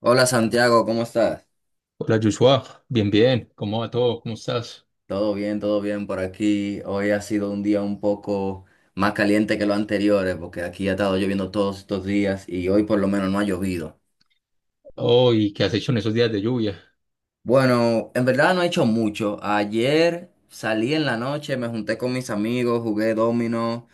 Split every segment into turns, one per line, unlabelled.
Hola Santiago, ¿cómo estás?
Hola Joshua, bien, bien, ¿cómo va todo? ¿Cómo estás?
Todo bien por aquí. Hoy ha sido un día un poco más caliente que los anteriores porque aquí ha estado lloviendo todos estos días y hoy por lo menos no ha llovido.
Oh, ¿y qué has hecho en esos días de lluvia?
Bueno, en verdad no he hecho mucho. Ayer salí en la noche, me junté con mis amigos, jugué dominó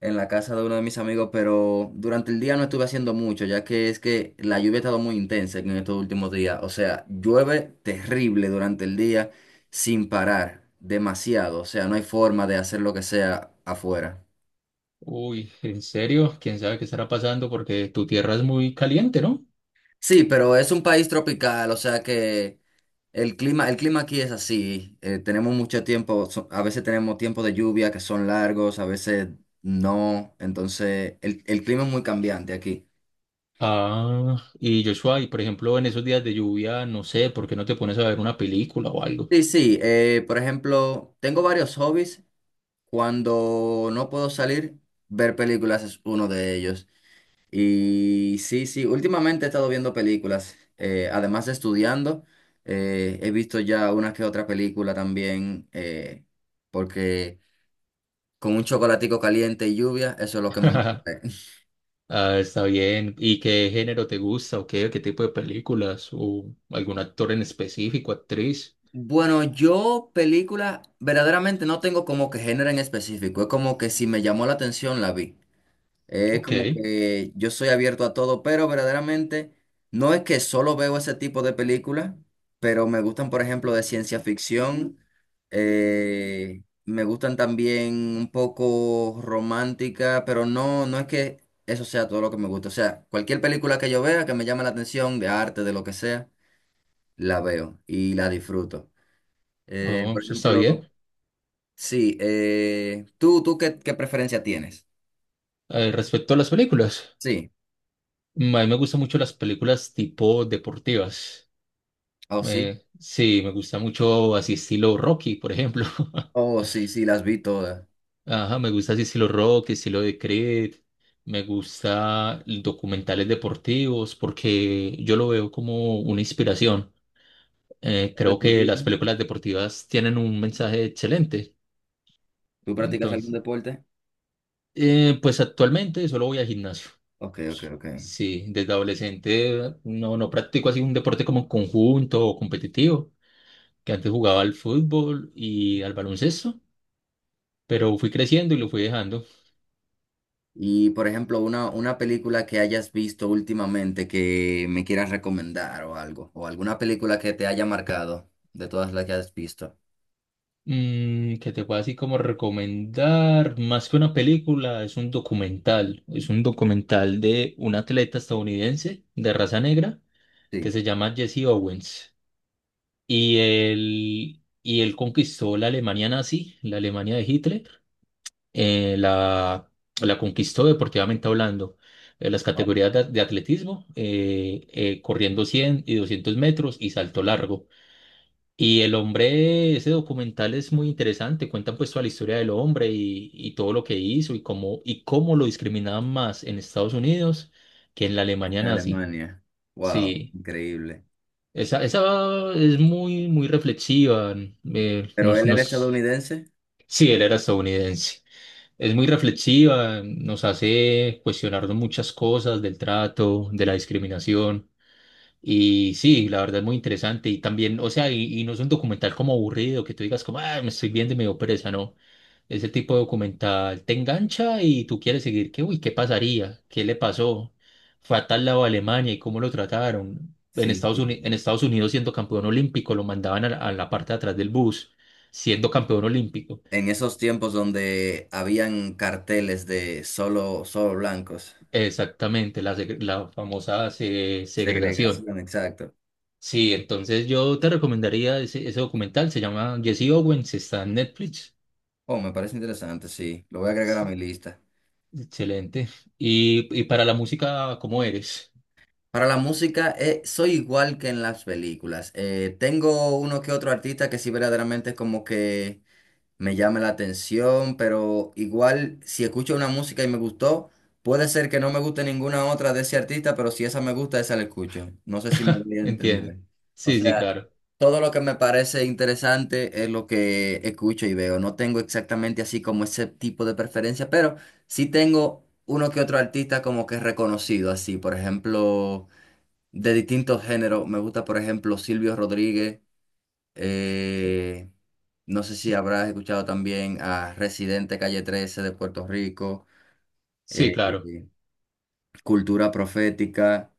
en la casa de uno de mis amigos, pero durante el día no estuve haciendo mucho, ya que es que la lluvia ha estado muy intensa en estos últimos días. O sea, llueve terrible durante el día sin parar, demasiado. O sea, no hay forma de hacer lo que sea afuera.
Uy, ¿en serio? ¿Quién sabe qué estará pasando? Porque tu tierra es muy caliente, ¿no?
Sí, pero es un país tropical, o sea que... El clima aquí es así. Tenemos mucho tiempo, a veces tenemos tiempos de lluvia que son largos, a veces no. Entonces, el clima es muy cambiante aquí.
Ah, y Joshua, y por ejemplo, en esos días de lluvia, no sé, ¿por qué no te pones a ver una película o algo?
Sí, sí. Por ejemplo, tengo varios hobbies. Cuando no puedo salir, ver películas es uno de ellos. Y sí, sí, últimamente he estado viendo películas, además de estudiando. He visto ya una que otra película también, porque... Con un chocolatico caliente y lluvia, eso es lo que mejor me cae.
Ah, está bien. ¿Y qué género te gusta o qué tipo de películas? ¿O algún actor en específico, actriz?
Bueno, yo película verdaderamente no tengo como que género en específico. Es como que si me llamó la atención, la vi. Es
Ok,
como que yo soy abierto a todo, pero verdaderamente no es que solo veo ese tipo de películas, pero me gustan, por ejemplo, de ciencia ficción, me gustan también un poco romántica, pero no, no es que eso sea todo lo que me gusta. O sea, cualquier película que yo vea que me llame la atención, de arte, de lo que sea, la veo y la disfruto.
oh,
Por
eso está
ejemplo,
bien.
sí, ¿tú qué preferencia tienes?
Respecto a las películas.
Sí,
A mí me gustan mucho las películas tipo deportivas.
o sí.
Sí, me gusta mucho así estilo Rocky, por ejemplo.
Oh, sí, sí, las vi todas.
Ajá, me gusta así estilo Rocky, estilo de Creed. Me gusta documentales deportivos porque yo lo veo como una inspiración. Creo que
¿Deportista?
las películas deportivas tienen un mensaje excelente.
¿Tú practicas algún
Entonces,
deporte?
pues actualmente solo voy al gimnasio.
Ok, ok, ok.
Sí, desde adolescente no practico así un deporte como conjunto o competitivo, que antes jugaba al fútbol y al baloncesto, pero fui creciendo y lo fui dejando.
Y por ejemplo, una película que hayas visto últimamente que me quieras recomendar o algo, o alguna película que te haya marcado de todas las que has visto.
Que te puedo así como recomendar, más que una película, es un documental de un atleta estadounidense de raza negra que
Sí.
se llama Jesse Owens y él conquistó la Alemania nazi, la Alemania de Hitler, eh, la, la conquistó deportivamente hablando. En las
Oh,
categorías de atletismo, corriendo 100 y 200 metros y salto largo. Y el hombre, ese documental es muy interesante, cuentan pues toda la historia del hombre y todo lo que hizo y cómo lo discriminaban más en Estados Unidos que en la Alemania
en
nazi.
Alemania. Wow,
Sí,
increíble.
esa es muy, muy reflexiva. eh,
¿Pero
nos,
él era
nos...
estadounidense?
Sí, él era estadounidense. Es muy reflexiva, nos hace cuestionarnos muchas cosas del trato, de la discriminación. Y sí, la verdad es muy interesante. Y también, o sea, y no es un documental como aburrido, que tú digas como, ah, me estoy viendo y me dio pereza, no. Ese tipo de documental te engancha y tú quieres seguir, que, uy, ¿qué pasaría? ¿Qué le pasó? Fue a tal lado a Alemania y cómo lo trataron.
Sí, sí.
En Estados Unidos siendo campeón olímpico, lo mandaban a la parte de atrás del bus, siendo campeón olímpico.
En esos tiempos donde habían carteles de solo blancos.
Exactamente, la famosa segregación.
Segregación, exacto.
Sí, entonces yo te recomendaría ese documental, se llama Jesse Owens, está en Netflix.
Oh, me parece interesante, sí. Lo voy a agregar a
Sí,
mi lista.
excelente. Y para la música, ¿cómo eres?
Para la música, soy igual que en las películas. Tengo uno que otro artista que sí verdaderamente como que me llame la atención, pero igual si escucho una música y me gustó, puede ser que no me guste ninguna otra de ese artista, pero si esa me gusta, esa la escucho. No sé si me voy a
¿Entiendes?
entender. O
Sí, sí,
sea,
claro.
todo lo que me parece interesante es lo que escucho y veo. No tengo exactamente así como ese tipo de preferencia, pero sí tengo uno que otro artista como que reconocido así, por ejemplo, de distintos géneros. Me gusta, por ejemplo, Silvio Rodríguez. Eh, no sé si
Sí,
habrás escuchado también a Residente Calle Trece de Puerto Rico,
sí,
eh,
claro.
eh, Cultura Profética.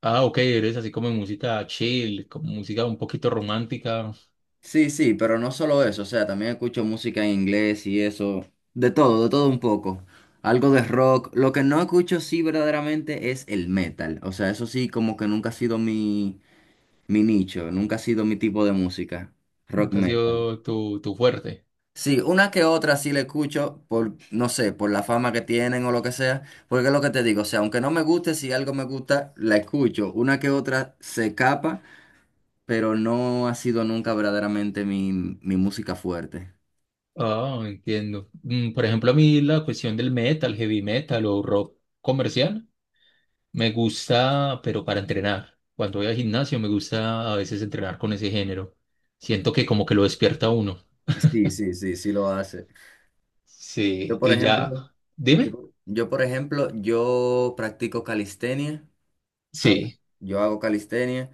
Ah, ok, eres así como música chill, como música un poquito romántica,
Sí, sí, pero no solo eso, o sea, también escucho música en inglés y eso, de todo un poco. Algo de rock. Lo que no escucho sí verdaderamente es el metal. O sea, eso sí como que nunca ha sido mi nicho, nunca ha sido mi tipo de música, rock
nunca ha
metal.
sido tu fuerte.
Sí, una que otra sí le escucho por, no sé, por la fama que tienen o lo que sea, porque es lo que te digo, o sea, aunque no me guste, si algo me gusta, la escucho. Una que otra se escapa, pero no ha sido nunca verdaderamente mi música fuerte.
Ah, entiendo. Por ejemplo, a mí la cuestión del metal, heavy metal o rock comercial. Me gusta, pero para entrenar. Cuando voy al gimnasio me gusta a veces entrenar con ese género. Siento que como que lo despierta a uno.
Sí, sí, sí, sí lo hace. Yo,
Sí,
por
y ya.
ejemplo,
Dime.
por ejemplo, yo practico calistenia, ¿sabes?
Sí.
Yo hago calistenia,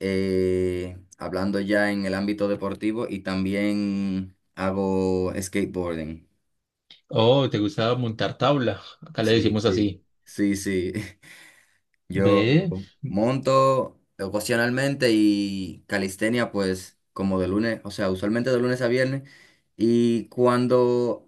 hablando ya en el ámbito deportivo y también hago skateboarding.
Oh, ¿te gusta montar tabla? Acá le
Sí,
decimos
sí,
así.
sí, sí. Yo
¿Ve?
monto ocasionalmente y calistenia pues como de lunes, o sea, usualmente de lunes a viernes. Y cuando,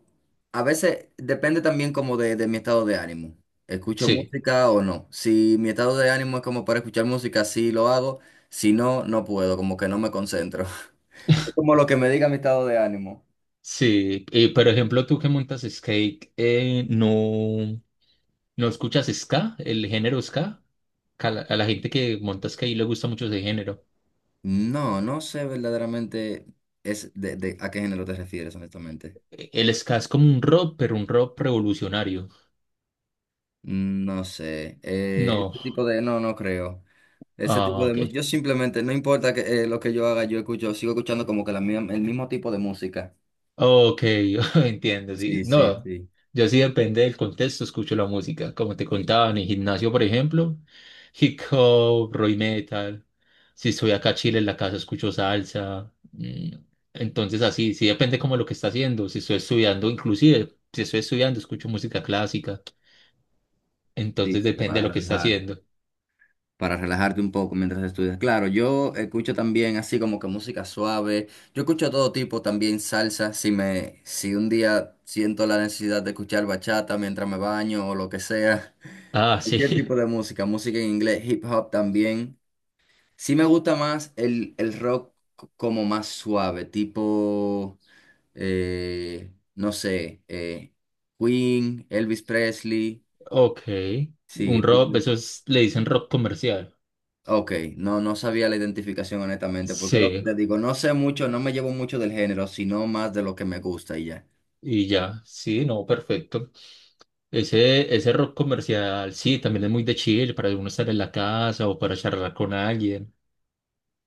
a veces depende también como de mi estado de ánimo. ¿Escucho
Sí,
música o no? Si mi estado de ánimo es como para escuchar música, sí lo hago. Si no, no puedo, como que no me concentro. Es como lo que me diga mi estado de ánimo.
sí. Y por ejemplo, tú que montas skate, ¿no escuchas ska? ¿El género ska? Que a a la gente que monta skate le gusta mucho ese género.
No, no sé verdaderamente es a qué género te refieres, honestamente.
El ska es como un rock, pero un rock revolucionario.
No sé,
No.
ese tipo de, no, no creo. Ese
Ah,
tipo de
ok.
música, yo simplemente, no importa que, lo que yo haga, yo escucho, sigo escuchando como que el mismo tipo de música.
Ok, entiendo, sí.
Sí, sí,
No,
sí.
yo sí depende del contexto, escucho la música. Como te contaba, en el gimnasio, por ejemplo, hip hop, rock metal. Si estoy acá a Chile en la casa, escucho salsa. Entonces, así, sí depende como lo que está haciendo. Si estoy estudiando, inclusive, si estoy estudiando, escucho música clásica.
Sí,
Entonces,
sí,
depende de
para
lo que está
relajar,
haciendo.
para relajarte un poco mientras estudias. Claro, yo escucho también así como que música suave. Yo escucho todo tipo, también salsa. Si me, si un día siento la necesidad de escuchar bachata mientras me baño o lo que sea,
Ah,
cualquier tipo
sí,
de música, música en inglés, hip hop también. Sí me gusta más el rock como más suave, tipo, no sé, Queen, Elvis Presley,
ok.
sí,
Un
tipo,
rock, le dicen rock comercial.
ok, no, no sabía la identificación honestamente, porque lo que
Sí,
te digo, no sé mucho, no me llevo mucho del género, sino más de lo que me gusta y ya.
y ya, sí, no, perfecto. Ese rock comercial, sí, también es muy de chill para uno estar en la casa o para charlar con alguien.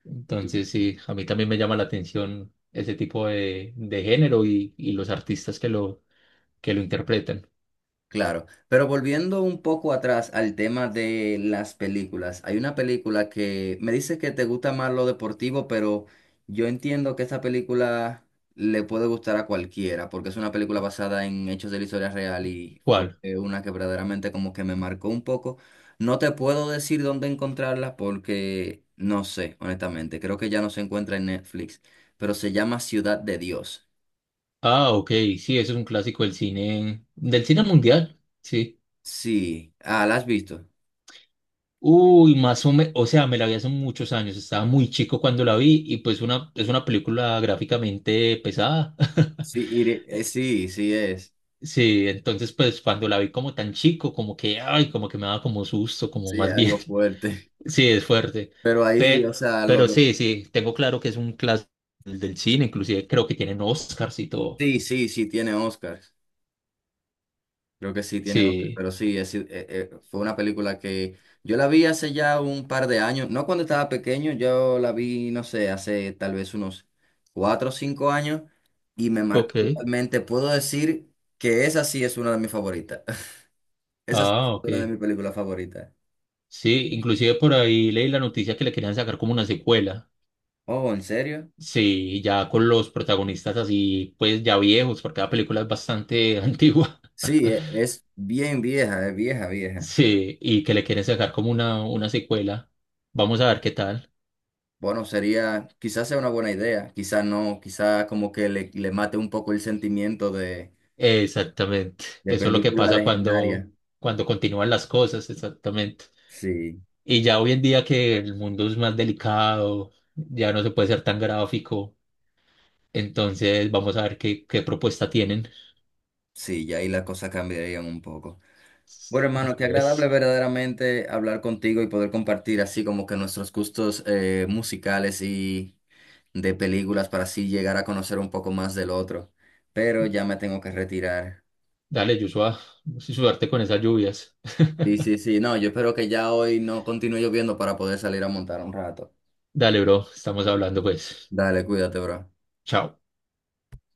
Entonces,
Sí.
sí, a mí también me llama la atención ese tipo de género y los artistas que lo interpretan.
Claro, pero volviendo un poco atrás al tema de las películas, hay una película que me dice que te gusta más lo deportivo, pero yo entiendo que esta película le puede gustar a cualquiera, porque es una película basada en hechos de la historia real y fue
¿Cuál?
una que verdaderamente como que me marcó un poco. No te puedo decir dónde encontrarla porque no sé, honestamente, creo que ya no se encuentra en Netflix, pero se llama Ciudad de Dios.
Ah, ok, sí, eso es un clásico del cine mundial, sí.
Sí, ah, ¿la has visto?
Uy, más o menos, o sea, me la vi hace muchos años, estaba muy chico cuando la vi y pues una, es una película gráficamente pesada.
Sí, sí, sí es.
Sí, entonces pues cuando la vi como tan chico, como que, ay, como que me daba como susto, como
Sí,
más bien.
algo fuerte.
Sí, es fuerte.
Pero ahí, o
Pero,
sea,
pero sí, sí, tengo claro que es un clásico del cine, inclusive creo que tienen Oscars y todo.
sí, sí, sí tiene Oscars. Creo que sí tiene Oscars.
Sí,
Pero sí, es, fue una película que yo la vi hace ya un par de años. No cuando estaba pequeño, yo la vi, no sé, hace tal vez unos cuatro o cinco años y me marcó
ok.
totalmente. Puedo decir que esa sí es una de mis favoritas. Esa sí es
Ah, ok.
una de mis películas favoritas.
Sí, inclusive por ahí leí la noticia que le querían sacar como una secuela.
Oh, ¿en serio?
Sí, ya con los protagonistas así, pues ya viejos, porque la película es bastante antigua.
Sí, es bien vieja, es vieja, vieja.
Sí, y que le quieren sacar como una secuela. Vamos a ver qué tal.
Bueno, sería, quizás sea una buena idea, quizás no, quizás como que le mate un poco el sentimiento
Exactamente.
de
Eso es lo que
película
pasa cuando,
legendaria.
cuando continúan las cosas, exactamente.
Sí,
Y ya hoy en día que el mundo es más delicado, ya no se puede ser tan gráfico, entonces vamos a ver qué propuesta tienen.
sí, y ahí las cosas cambiarían un poco. Bueno, hermano,
Así
qué agradable
es.
verdaderamente hablar contigo y poder compartir así como que nuestros gustos musicales y de películas para así llegar a conocer un poco más del otro. Pero ya me tengo que retirar.
Dale, Joshua, suerte con esas lluvias.
Sí, sí, sí, no, yo espero que ya hoy no continúe lloviendo para poder salir a montar un rato.
Dale, bro, estamos hablando pues.
Dale, cuídate, bro.
Chao.